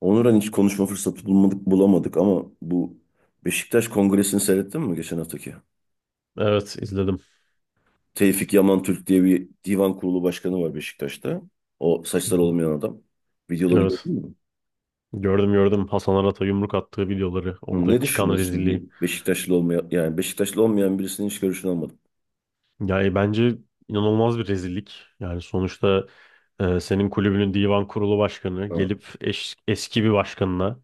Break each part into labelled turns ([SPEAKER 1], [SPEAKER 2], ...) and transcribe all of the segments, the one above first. [SPEAKER 1] Onuran hiç konuşma fırsatı bulamadık ama bu Beşiktaş Kongresi'ni seyrettin mi geçen haftaki?
[SPEAKER 2] Evet, izledim.
[SPEAKER 1] Tevfik Yaman Türk diye bir divan kurulu başkanı var Beşiktaş'ta. O
[SPEAKER 2] Hı
[SPEAKER 1] saçları
[SPEAKER 2] hı.
[SPEAKER 1] olmayan adam. Videoları
[SPEAKER 2] Evet.
[SPEAKER 1] gördün mü?
[SPEAKER 2] Gördüm gördüm Hasan Arat'a yumruk attığı videoları.
[SPEAKER 1] Hı, ne
[SPEAKER 2] Orada çıkan
[SPEAKER 1] düşünüyorsun? Bir
[SPEAKER 2] rezilliği.
[SPEAKER 1] Beşiktaşlı olmayan yani Beşiktaşlı olmayan birisinin hiç görüşünü almadım.
[SPEAKER 2] Yani bence inanılmaz bir rezillik. Yani sonuçta, senin kulübünün divan kurulu başkanı
[SPEAKER 1] Ha,
[SPEAKER 2] gelip eski bir başkanına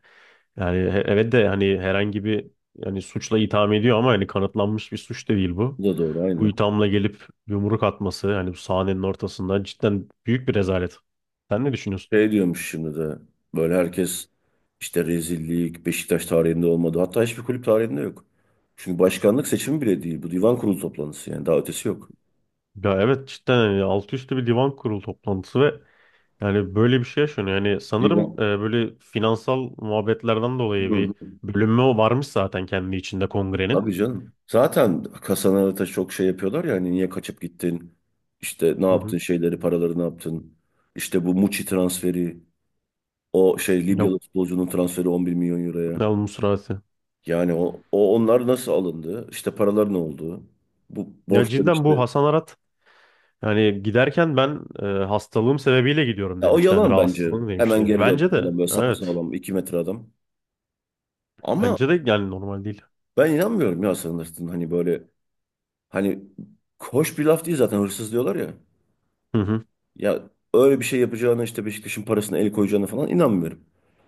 [SPEAKER 2] yani evet de hani herhangi bir yani suçla itham ediyor ama hani kanıtlanmış bir suç da değil bu.
[SPEAKER 1] bu da doğru
[SPEAKER 2] Bu
[SPEAKER 1] aynen.
[SPEAKER 2] ithamla gelip yumruk atması hani bu sahnenin ortasında cidden büyük bir rezalet. Sen ne düşünüyorsun?
[SPEAKER 1] Şey diyormuş şimdi de böyle herkes işte rezillik Beşiktaş tarihinde olmadı. Hatta hiçbir kulüp tarihinde yok. Çünkü başkanlık seçimi bile değil. Bu divan kurulu toplantısı yani daha ötesi yok.
[SPEAKER 2] Ya evet, cidden hani altı üstü bir divan kurulu toplantısı ve yani böyle bir şey yaşanıyor. Yani sanırım
[SPEAKER 1] Divan.
[SPEAKER 2] böyle finansal muhabbetlerden dolayı
[SPEAKER 1] Hı.
[SPEAKER 2] bir bölünme varmış zaten kendi içinde kongrenin.
[SPEAKER 1] Tabii canım. Zaten kasalara da çok şey yapıyorlar ya hani niye kaçıp gittin? İşte ne
[SPEAKER 2] Hı
[SPEAKER 1] yaptın
[SPEAKER 2] hı.
[SPEAKER 1] şeyleri, paraları ne yaptın? İşte bu Muçi transferi, o şey
[SPEAKER 2] Ya,
[SPEAKER 1] Libyalı futbolcunun transferi 11 milyon euroya.
[SPEAKER 2] ya bu.
[SPEAKER 1] Yani o onlar nasıl alındı? İşte paralar ne oldu? Bu
[SPEAKER 2] Ya
[SPEAKER 1] borçlar
[SPEAKER 2] cidden
[SPEAKER 1] işte.
[SPEAKER 2] bu Hasan Arat yani giderken ben, hastalığım sebebiyle gidiyorum
[SPEAKER 1] Ya o
[SPEAKER 2] demişti. Yani
[SPEAKER 1] yalan bence.
[SPEAKER 2] rahatsızlığım
[SPEAKER 1] Hemen
[SPEAKER 2] demişti.
[SPEAKER 1] geri
[SPEAKER 2] Bence
[SPEAKER 1] döndü
[SPEAKER 2] de
[SPEAKER 1] falan böyle
[SPEAKER 2] evet.
[SPEAKER 1] sapasağlam 2 metre adam. Ama
[SPEAKER 2] Bence de yani normal değil.
[SPEAKER 1] ben inanmıyorum ya sanırsın hani böyle hani hoş bir laf değil zaten hırsız diyorlar ya.
[SPEAKER 2] Hı hı.
[SPEAKER 1] Ya öyle bir şey yapacağına işte Beşiktaş'ın parasına el koyacağına falan inanmıyorum.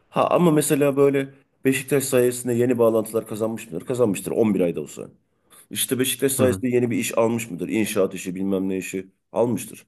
[SPEAKER 1] Ha ama mesela böyle Beşiktaş sayesinde yeni bağlantılar kazanmış mıdır? Kazanmıştır 11 ayda olsa. İşte Beşiktaş
[SPEAKER 2] Hı hı.
[SPEAKER 1] sayesinde yeni bir iş almış mıdır? İnşaat işi bilmem ne işi almıştır.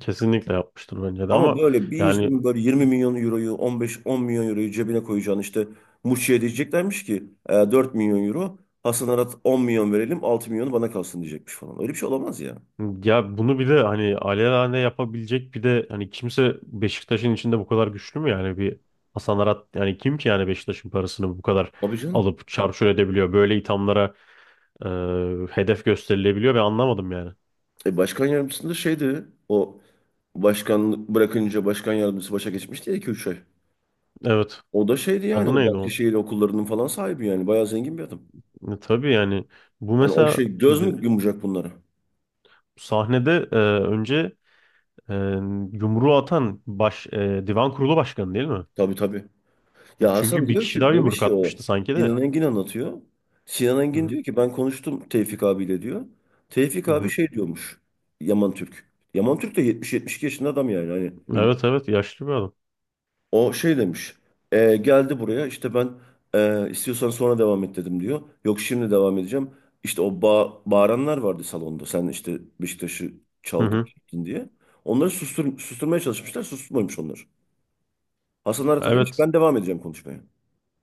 [SPEAKER 2] Kesinlikle yapmıştır bence de
[SPEAKER 1] Ama
[SPEAKER 2] ama
[SPEAKER 1] böyle bir
[SPEAKER 2] yani.
[SPEAKER 1] insanın böyle 20 milyon euroyu 15-10 milyon euroyu cebine koyacağını işte Muçi'ye diyeceklermiş ki: "E, 4 milyon euro Hasan Arat 10 milyon verelim 6 milyonu bana kalsın diyecekmiş falan." Öyle bir şey olamaz ya.
[SPEAKER 2] Ya bunu bir de hani alelade yapabilecek bir de hani kimse Beşiktaş'ın içinde bu kadar güçlü mü yani bir Hasan Arat yani kim ki yani Beşiktaş'ın parasını bu kadar
[SPEAKER 1] Tabii canım.
[SPEAKER 2] alıp çarçur edebiliyor, böyle ithamlara e, hedef gösterilebiliyor ve anlamadım yani.
[SPEAKER 1] E, başkan yardımcısında da şeydi o, başkanlık bırakınca başkan yardımcısı başa geçmişti ya 2 üç ay.
[SPEAKER 2] Evet,
[SPEAKER 1] O da şeydi yani
[SPEAKER 2] adı
[SPEAKER 1] o
[SPEAKER 2] neydi o?
[SPEAKER 1] Bahçeşehir okullarının falan sahibi, yani bayağı zengin bir adam.
[SPEAKER 2] Tabii yani bu
[SPEAKER 1] Hani o
[SPEAKER 2] mesela
[SPEAKER 1] şey göz
[SPEAKER 2] şimdi
[SPEAKER 1] mü yumacak bunlara?
[SPEAKER 2] sahnede, önce, e, yumruğu atan divan kurulu başkanı değil mi?
[SPEAKER 1] Tabii tabii. Ya Hasan
[SPEAKER 2] Çünkü bir
[SPEAKER 1] diyor
[SPEAKER 2] kişi daha
[SPEAKER 1] ki,
[SPEAKER 2] yumruk
[SPEAKER 1] demiş ki
[SPEAKER 2] atmıştı
[SPEAKER 1] o,
[SPEAKER 2] sanki de.
[SPEAKER 1] Sinan Engin anlatıyor. Sinan
[SPEAKER 2] Hı
[SPEAKER 1] Engin
[SPEAKER 2] hı,
[SPEAKER 1] diyor ki ben konuştum Tevfik abiyle diyor. Tevfik
[SPEAKER 2] hı
[SPEAKER 1] abi
[SPEAKER 2] hı.
[SPEAKER 1] şey diyormuş, Yaman Türk. Yaman Türk de 72 yaşında adam yani hani.
[SPEAKER 2] Evet evet, yaşlı bir adam.
[SPEAKER 1] O şey demiş. "E, geldi buraya işte ben istiyorsan sonra devam et dedim" diyor. "Yok şimdi devam edeceğim." İşte o bağıranlar vardı salonda. Sen işte Beşiktaş'ı
[SPEAKER 2] Hı
[SPEAKER 1] çaldın
[SPEAKER 2] hı.
[SPEAKER 1] çektin diye. Onları susturmaya çalışmışlar. Susturmamış onlar. Hasan Arat'a demiş
[SPEAKER 2] Evet.
[SPEAKER 1] ben devam edeceğim konuşmaya.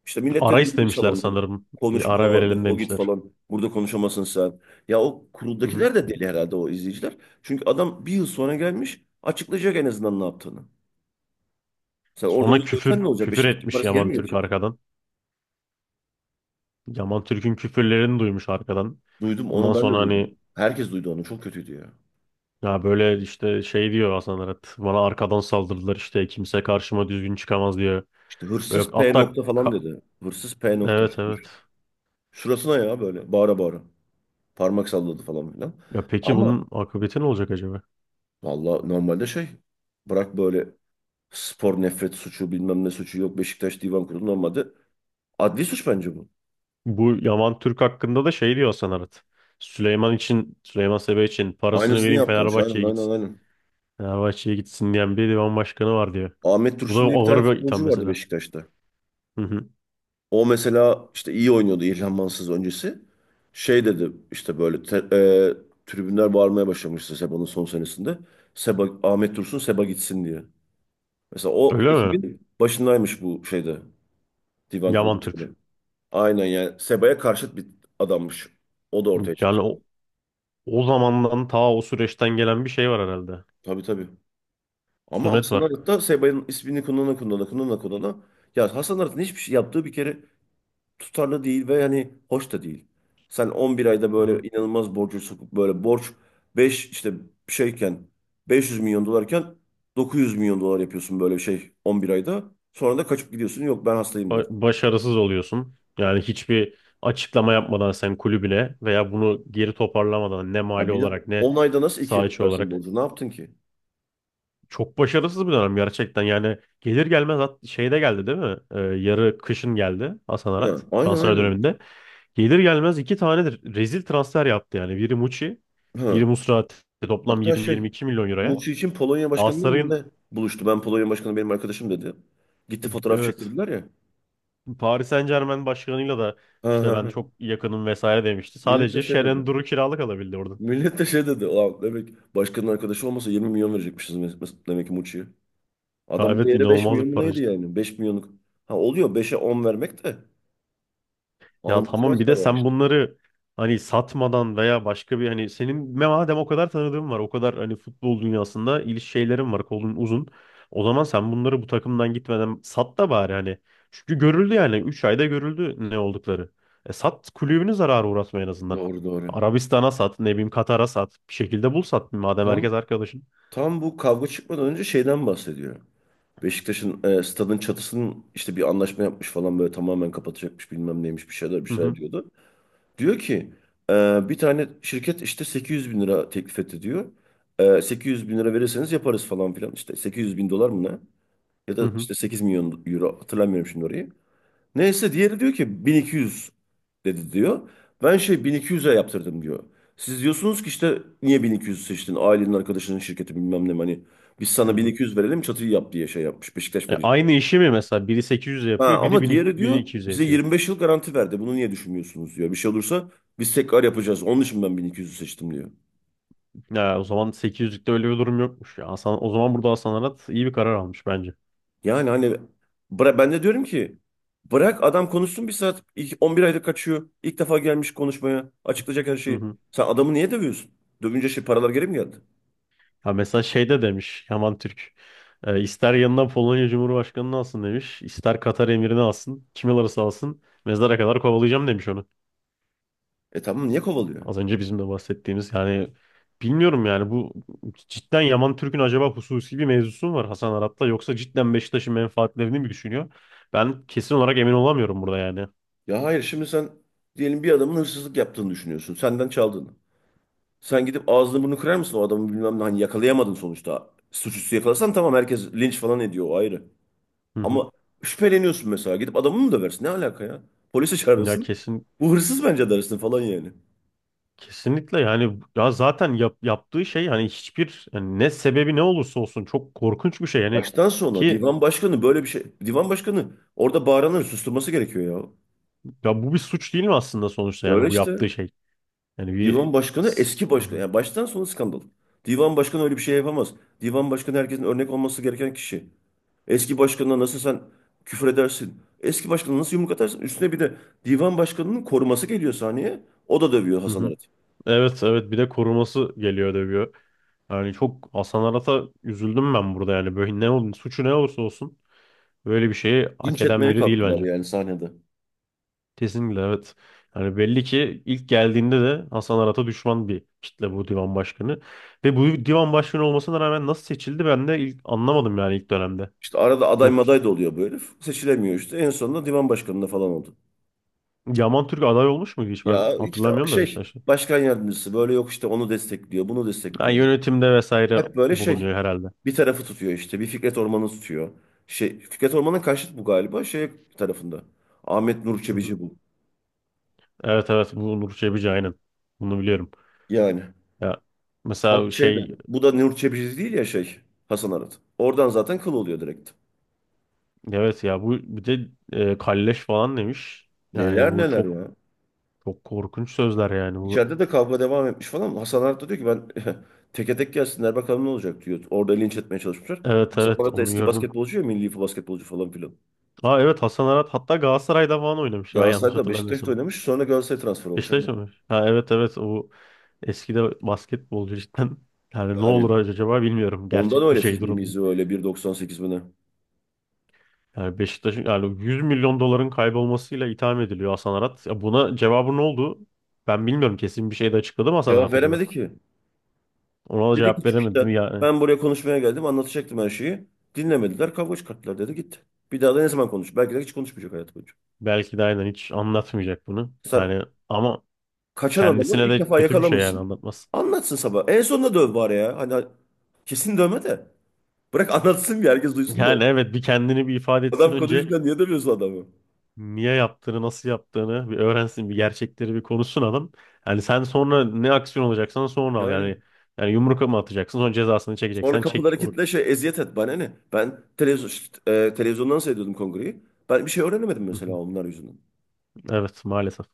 [SPEAKER 1] İşte millet de
[SPEAKER 2] Ara
[SPEAKER 1] delirmiş
[SPEAKER 2] istemişler
[SPEAKER 1] salonda.
[SPEAKER 2] sanırım. Bir
[SPEAKER 1] Konuşma,
[SPEAKER 2] ara verelim
[SPEAKER 1] defol git
[SPEAKER 2] demişler.
[SPEAKER 1] falan. Burada konuşamazsın sen. Ya o
[SPEAKER 2] Hı hı.
[SPEAKER 1] kuruldakiler de deli herhalde, o izleyiciler. Çünkü adam bir yıl sonra gelmiş. Açıklayacak en azından ne yaptığını. Sen orada onu
[SPEAKER 2] Sonra
[SPEAKER 1] görsen ne
[SPEAKER 2] küfür
[SPEAKER 1] olacak?
[SPEAKER 2] küfür
[SPEAKER 1] Beşiktaş'ın
[SPEAKER 2] etmiş
[SPEAKER 1] parası geri
[SPEAKER 2] Yaman
[SPEAKER 1] mi
[SPEAKER 2] Türk
[SPEAKER 1] gelecek?
[SPEAKER 2] arkadan. Yaman Türk'ün küfürlerini duymuş arkadan.
[SPEAKER 1] Duydum onu,
[SPEAKER 2] Ondan
[SPEAKER 1] ben de
[SPEAKER 2] sonra hani
[SPEAKER 1] duydum. Herkes duydu onu. Çok kötüydü ya.
[SPEAKER 2] ya böyle işte şey diyor Hasan Arat. Bana arkadan saldırdılar, işte kimse karşıma düzgün çıkamaz diyor.
[SPEAKER 1] İşte "hırsız
[SPEAKER 2] Böyle
[SPEAKER 1] P
[SPEAKER 2] hatta
[SPEAKER 1] nokta" falan dedi. Hırsız P nokta.
[SPEAKER 2] evet evet.
[SPEAKER 1] Şurasına ya, böyle bağıra bağıra. Parmak salladı falan filan.
[SPEAKER 2] Ya peki bunun
[SPEAKER 1] Ama
[SPEAKER 2] akıbeti ne olacak acaba?
[SPEAKER 1] valla normalde şey, bırak böyle spor nefret suçu bilmem ne suçu, yok Beşiktaş Divan Kurulu normalde, adli suç bence bu.
[SPEAKER 2] Bu Yaman Türk hakkında da şey diyor Hasan Arat. Süleyman Sebe için parasını
[SPEAKER 1] Aynısını
[SPEAKER 2] vereyim
[SPEAKER 1] yaptılar. Aynen
[SPEAKER 2] Fenerbahçe'ye
[SPEAKER 1] aynen
[SPEAKER 2] gitsin.
[SPEAKER 1] aynen.
[SPEAKER 2] Fenerbahçe'ye gitsin diyen bir divan başkanı var diyor.
[SPEAKER 1] Ahmet
[SPEAKER 2] Bu da
[SPEAKER 1] Dursun diye bir tane
[SPEAKER 2] ağır bir itham
[SPEAKER 1] futbolcu vardı
[SPEAKER 2] mesela.
[SPEAKER 1] Beşiktaş'ta.
[SPEAKER 2] Hı hı.
[SPEAKER 1] O mesela işte iyi oynuyordu İlhan Mansız öncesi. Şey dedi işte böyle, tribünler bağırmaya başlamıştı Seba'nın son senesinde. Seba, Ahmet Dursun, Seba gitsin diye. Mesela o
[SPEAKER 2] Öyle mi?
[SPEAKER 1] ekibin başındaymış bu şeyde. Divan Kurulu
[SPEAKER 2] Yaman Türk.
[SPEAKER 1] çıkıyor. Aynen yani, Seba'ya karşıt bir adammış. O da ortaya çıktı.
[SPEAKER 2] Yani o zamandan, ta o süreçten gelen bir şey var herhalde.
[SPEAKER 1] Tabii tabii. Ama
[SPEAKER 2] Sumet
[SPEAKER 1] Hasan
[SPEAKER 2] var.
[SPEAKER 1] Arat Seba'nın ismini kullanana kullanana kullanana kullanana. Ya Hasan Arat'ın hiçbir şey yaptığı bir kere tutarlı değil ve hani hoş da değil. Sen 11 ayda
[SPEAKER 2] Hı hı.
[SPEAKER 1] böyle inanılmaz borcu sokup, böyle borç 5 işte şeyken 500 milyon dolarken 900 milyon dolar yapıyorsun böyle şey 11 ayda. Sonra da kaçıp gidiyorsun, yok ben hastayım diyorsun.
[SPEAKER 2] Başarısız oluyorsun. Yani hiçbir açıklama yapmadan sen kulübüne, veya bunu geri toparlamadan, ne
[SPEAKER 1] Ya
[SPEAKER 2] mali
[SPEAKER 1] bir de
[SPEAKER 2] olarak ne
[SPEAKER 1] 10 ayda nasıl ikiye
[SPEAKER 2] saha içi
[SPEAKER 1] katlarsın
[SPEAKER 2] olarak.
[SPEAKER 1] borcu, ne yaptın ki?
[SPEAKER 2] Çok başarısız bir dönem gerçekten. Yani gelir gelmez şeyde geldi değil mi? Yarı kışın geldi Hasan
[SPEAKER 1] Ha,
[SPEAKER 2] Arat
[SPEAKER 1] aynen
[SPEAKER 2] transfer
[SPEAKER 1] aynen.
[SPEAKER 2] döneminde. Gelir gelmez 2 tanedir rezil transfer yaptı yani. Biri Muçi,
[SPEAKER 1] Ha.
[SPEAKER 2] biri Musrati. Toplam
[SPEAKER 1] Hatta şey,
[SPEAKER 2] 20-22 milyon euroya.
[SPEAKER 1] Muçi için Polonya Başkanı'yla mı
[SPEAKER 2] Galatasaray'ın,
[SPEAKER 1] ne buluştu? Ben Polonya Başkanı benim arkadaşım dedi. Gitti fotoğraf
[SPEAKER 2] evet,
[SPEAKER 1] çektirdiler ya.
[SPEAKER 2] Paris Saint-Germain başkanıyla da
[SPEAKER 1] Ha
[SPEAKER 2] işte
[SPEAKER 1] ha
[SPEAKER 2] ben
[SPEAKER 1] ha.
[SPEAKER 2] çok yakınım vesaire demişti.
[SPEAKER 1] Millet de
[SPEAKER 2] Sadece
[SPEAKER 1] şey dedi.
[SPEAKER 2] Şeren Duru kiralık alabildi oradan.
[SPEAKER 1] Millet de şey dedi. Ulan, demek başkanın arkadaşı olmasa 20 milyon verecekmişiz demek ki Muçi'ye.
[SPEAKER 2] Ya
[SPEAKER 1] Adamın
[SPEAKER 2] evet,
[SPEAKER 1] değeri 5
[SPEAKER 2] inanılmaz bir
[SPEAKER 1] milyon mu
[SPEAKER 2] para.
[SPEAKER 1] neydi yani? 5 milyonluk. Ha, oluyor beşe 10 vermek de.
[SPEAKER 2] Ya tamam,
[SPEAKER 1] Almutrak
[SPEAKER 2] bir de
[SPEAKER 1] da var
[SPEAKER 2] sen
[SPEAKER 1] işte.
[SPEAKER 2] bunları hani satmadan, veya başka bir hani senin madem o kadar tanıdığın var, o kadar hani futbol dünyasında şeylerin var, kolun uzun. O zaman sen bunları bu takımdan gitmeden sat da bari hani. Çünkü görüldü yani 3 ayda görüldü ne oldukları. E sat, kulübünü zarara uğratma en azından.
[SPEAKER 1] Doğru doğru.
[SPEAKER 2] Arabistan'a sat, ne bileyim Katar'a sat, bir şekilde bul sat madem
[SPEAKER 1] Tam,
[SPEAKER 2] herkes arkadaşın.
[SPEAKER 1] tam bu kavga çıkmadan önce şeyden bahsediyor. Beşiktaş'ın stadın çatısının işte bir anlaşma yapmış falan, böyle tamamen kapatacakmış bilmem neymiş, bir şeyler bir
[SPEAKER 2] Hı
[SPEAKER 1] şeyler
[SPEAKER 2] hı,
[SPEAKER 1] diyordu. Diyor ki bir tane şirket işte 800.000 lira teklif etti diyor. E, 800.000 lira verirseniz yaparız falan filan, işte 800.000 dolar mı ne? Ya
[SPEAKER 2] hı
[SPEAKER 1] da
[SPEAKER 2] hı,
[SPEAKER 1] işte 8 milyon euro, hatırlamıyorum şimdi orayı. Neyse diğeri diyor ki 1200 dedi diyor. Ben şey 1200'e yaptırdım diyor. Siz diyorsunuz ki işte niye 1200 seçtin? Ailenin arkadaşının şirketi bilmem ne hani. Biz
[SPEAKER 2] hı
[SPEAKER 1] sana
[SPEAKER 2] hı.
[SPEAKER 1] 1200 verelim çatıyı yap diye şey yapmış. Beşiktaş
[SPEAKER 2] E
[SPEAKER 1] verecek.
[SPEAKER 2] aynı işi mi mesela biri 800'e
[SPEAKER 1] Ha,
[SPEAKER 2] yapıyor, biri
[SPEAKER 1] ama
[SPEAKER 2] 1000
[SPEAKER 1] diğeri diyor
[SPEAKER 2] 1200'e
[SPEAKER 1] bize
[SPEAKER 2] yapıyor.
[SPEAKER 1] 25 yıl garanti verdi. Bunu niye düşünmüyorsunuz diyor. Bir şey olursa biz tekrar yapacağız. Onun için ben 1200'ü seçtim diyor.
[SPEAKER 2] Ya o zaman 800'lükte öyle bir durum yokmuş ya. Hasan, o zaman burada Hasan Arat iyi bir karar almış bence.
[SPEAKER 1] Yani hani ben de diyorum ki bırak adam konuşsun bir saat. İlk 11 ayda kaçıyor. İlk defa gelmiş konuşmaya. Açıklayacak her
[SPEAKER 2] Hı
[SPEAKER 1] şeyi.
[SPEAKER 2] hı.
[SPEAKER 1] Sen adamı niye dövüyorsun? Dövünce şey paralar geri mi geldi?
[SPEAKER 2] Ha mesela şeyde demiş Yaman Türk. İster yanına Polonya Cumhurbaşkanı'nı alsın demiş, ister Katar emirini alsın. Kim alırsa alsın. Mezara kadar kovalayacağım demiş onu.
[SPEAKER 1] E tamam, niye kovalıyor?
[SPEAKER 2] Az önce bizim de bahsettiğimiz yani, bilmiyorum yani bu cidden Yaman Türk'ün acaba hususi bir mevzusu mu var Hasan Arat'la, yoksa cidden Beşiktaş'ın menfaatlerini mi düşünüyor? Ben kesin olarak emin olamıyorum burada yani.
[SPEAKER 1] Ya hayır, şimdi sen diyelim bir adamın hırsızlık yaptığını düşünüyorsun. Senden çaldığını. Sen gidip ağzını burnunu kırar mısın o adamı, bilmem ne hani yakalayamadın sonuçta. Suçüstü yakalasan tamam herkes linç falan ediyor, o ayrı.
[SPEAKER 2] Hı hı.
[SPEAKER 1] Ama şüpheleniyorsun, mesela gidip adamı mı döversin? Ne alaka ya? Polisi
[SPEAKER 2] Ya
[SPEAKER 1] çağırırsın.
[SPEAKER 2] kesin,
[SPEAKER 1] Bu hırsız bence dersin falan yani.
[SPEAKER 2] kesinlikle yani, ya zaten yaptığı şey hani hiçbir yani, ne sebebi ne olursa olsun çok korkunç bir şey yani,
[SPEAKER 1] Baştan sona
[SPEAKER 2] ki
[SPEAKER 1] divan başkanı böyle bir şey. Divan başkanı orada bağıranları susturması gerekiyor ya.
[SPEAKER 2] ya bu bir suç değil mi aslında sonuçta,
[SPEAKER 1] Öyle
[SPEAKER 2] yani bu
[SPEAKER 1] işte.
[SPEAKER 2] yaptığı şey yani bir.
[SPEAKER 1] Divan başkanı eski
[SPEAKER 2] Hı
[SPEAKER 1] başkan.
[SPEAKER 2] hı,
[SPEAKER 1] Yani baştan sona skandal. Divan başkanı öyle bir şey yapamaz. Divan başkanı herkesin örnek olması gereken kişi. Eski başkanına nasıl sen küfür edersin? Eski başkanına nasıl yumruk atarsın? Üstüne bir de divan başkanının koruması geliyor sahneye. O da dövüyor
[SPEAKER 2] hı
[SPEAKER 1] Hasan
[SPEAKER 2] hı.
[SPEAKER 1] Arat.
[SPEAKER 2] Evet evet, bir de koruması geliyor dövüyor, yani çok Hasan Arat'a üzüldüm ben burada yani, böyle ne olun suçu ne olursa olsun, böyle bir şeyi hak
[SPEAKER 1] Linç
[SPEAKER 2] eden
[SPEAKER 1] etmeye
[SPEAKER 2] biri değil
[SPEAKER 1] kalktılar
[SPEAKER 2] bence.
[SPEAKER 1] yani sahnede.
[SPEAKER 2] Kesinlikle evet. Yani belli ki ilk geldiğinde de Hasan Arat'a düşman bir kitle bu divan başkanı. Ve bu divan başkanı olmasına rağmen nasıl seçildi, ben de ilk anlamadım yani ilk dönemde.
[SPEAKER 1] İşte arada aday
[SPEAKER 2] Yok,
[SPEAKER 1] maday da oluyor bu herif. Seçilemiyor işte. En sonunda divan başkanına falan oldu.
[SPEAKER 2] Yaman Türk aday olmuş muydu hiç, ben
[SPEAKER 1] Ya işte
[SPEAKER 2] hatırlamıyorum da
[SPEAKER 1] şey
[SPEAKER 2] Beşiktaş'ta.
[SPEAKER 1] başkan yardımcısı böyle yok işte onu destekliyor, bunu
[SPEAKER 2] Yani
[SPEAKER 1] destekliyor.
[SPEAKER 2] yönetimde vesaire
[SPEAKER 1] Hep böyle şey
[SPEAKER 2] bulunuyor herhalde.
[SPEAKER 1] bir tarafı tutuyor, işte bir Fikret Orman'ı tutuyor. Şey Fikret Orman'ın karşıt bu galiba, şey tarafında. Ahmet Nur
[SPEAKER 2] Hı hı.
[SPEAKER 1] Çebici bu.
[SPEAKER 2] Evet evet, bu Nur Çebici, aynen. Bunu biliyorum.
[SPEAKER 1] Yani
[SPEAKER 2] Ya
[SPEAKER 1] ha,
[SPEAKER 2] mesela
[SPEAKER 1] şey de
[SPEAKER 2] şey,
[SPEAKER 1] bu da Nur Çebici değil ya şey, Hasan Arat. Oradan zaten kıl oluyor direkt.
[SPEAKER 2] evet ya bu bir de kalleş falan demiş. Yani
[SPEAKER 1] Neler
[SPEAKER 2] bu
[SPEAKER 1] neler
[SPEAKER 2] çok
[SPEAKER 1] ya.
[SPEAKER 2] çok korkunç sözler yani bu.
[SPEAKER 1] İçeride de kavga devam etmiş falan. Hasan Arat da diyor ki ben teke tek gelsinler bakalım ne olacak diyor. Orada linç etmeye çalışmışlar.
[SPEAKER 2] Evet
[SPEAKER 1] Hasan
[SPEAKER 2] evet,
[SPEAKER 1] Arat da
[SPEAKER 2] onu
[SPEAKER 1] eski
[SPEAKER 2] gördüm.
[SPEAKER 1] basketbolcu ya, milli basketbolcu falan filan.
[SPEAKER 2] Aa evet, Hasan Arat hatta Galatasaray'da falan oynamıştı ben yanlış
[SPEAKER 1] Galatasaray'da Beşiktaş'ta
[SPEAKER 2] hatırlamıyorsam.
[SPEAKER 1] oynamış. Sonra Galatasaray transfer olmuş. Yani
[SPEAKER 2] Beşiktaş'ta mı? Ha evet evet, o eski de basketbolcu cidden. Yani ne olur
[SPEAKER 1] yani
[SPEAKER 2] acaba bilmiyorum
[SPEAKER 1] ondan
[SPEAKER 2] gerçek bir
[SPEAKER 1] öyle
[SPEAKER 2] şey durum.
[SPEAKER 1] fiziğimizi, öyle 1,98 mi ne?
[SPEAKER 2] Yani Beşiktaş'ın yani 100 milyon doların kaybolmasıyla itham ediliyor Hasan Arat. Ya buna cevabı ne oldu? Ben bilmiyorum, kesin bir şey de açıkladı mı Hasan
[SPEAKER 1] Cevap
[SPEAKER 2] Arat acaba?
[SPEAKER 1] veremedi ki.
[SPEAKER 2] Ona da
[SPEAKER 1] Dedi ki
[SPEAKER 2] cevap veremedim
[SPEAKER 1] çıkışta
[SPEAKER 2] yani.
[SPEAKER 1] ben buraya konuşmaya geldim, anlatacaktım her şeyi. Dinlemediler, kavga çıkarttılar dedi, gitti. Bir daha da ne zaman konuş? Belki de hiç konuşmayacak hayatı boyunca.
[SPEAKER 2] Belki de aynen hiç anlatmayacak bunu.
[SPEAKER 1] Sen
[SPEAKER 2] Yani ama
[SPEAKER 1] kaçan adamı
[SPEAKER 2] kendisine
[SPEAKER 1] ilk
[SPEAKER 2] de
[SPEAKER 1] defa
[SPEAKER 2] kötü bir şey, yani
[SPEAKER 1] yakalamışsın.
[SPEAKER 2] anlatmaz.
[SPEAKER 1] Anlatsın sabah. En sonunda döv bari ya. Hani kesin dövme de. Bırak anlatsın bir, herkes duysun da
[SPEAKER 2] Yani
[SPEAKER 1] oldu.
[SPEAKER 2] evet, bir kendini bir ifade etsin
[SPEAKER 1] Adam
[SPEAKER 2] önce,
[SPEAKER 1] konuşurken niye dövüyorsun adamı?
[SPEAKER 2] niye yaptığını, nasıl yaptığını bir öğrensin, bir gerçekleri bir konuşsun adam. Yani sen sonra ne aksiyon alacaksan sonra al.
[SPEAKER 1] Yani
[SPEAKER 2] Yani yumruk mu atacaksın, sonra cezasını
[SPEAKER 1] sonra
[SPEAKER 2] çekeceksen çek.
[SPEAKER 1] kapıları
[SPEAKER 2] O...
[SPEAKER 1] kilitle şey eziyet et bana ne? Ben televizyondan seyrediyordum kongreyi. Ben bir şey öğrenemedim mesela onlar yüzünden.
[SPEAKER 2] Evet, maalesef.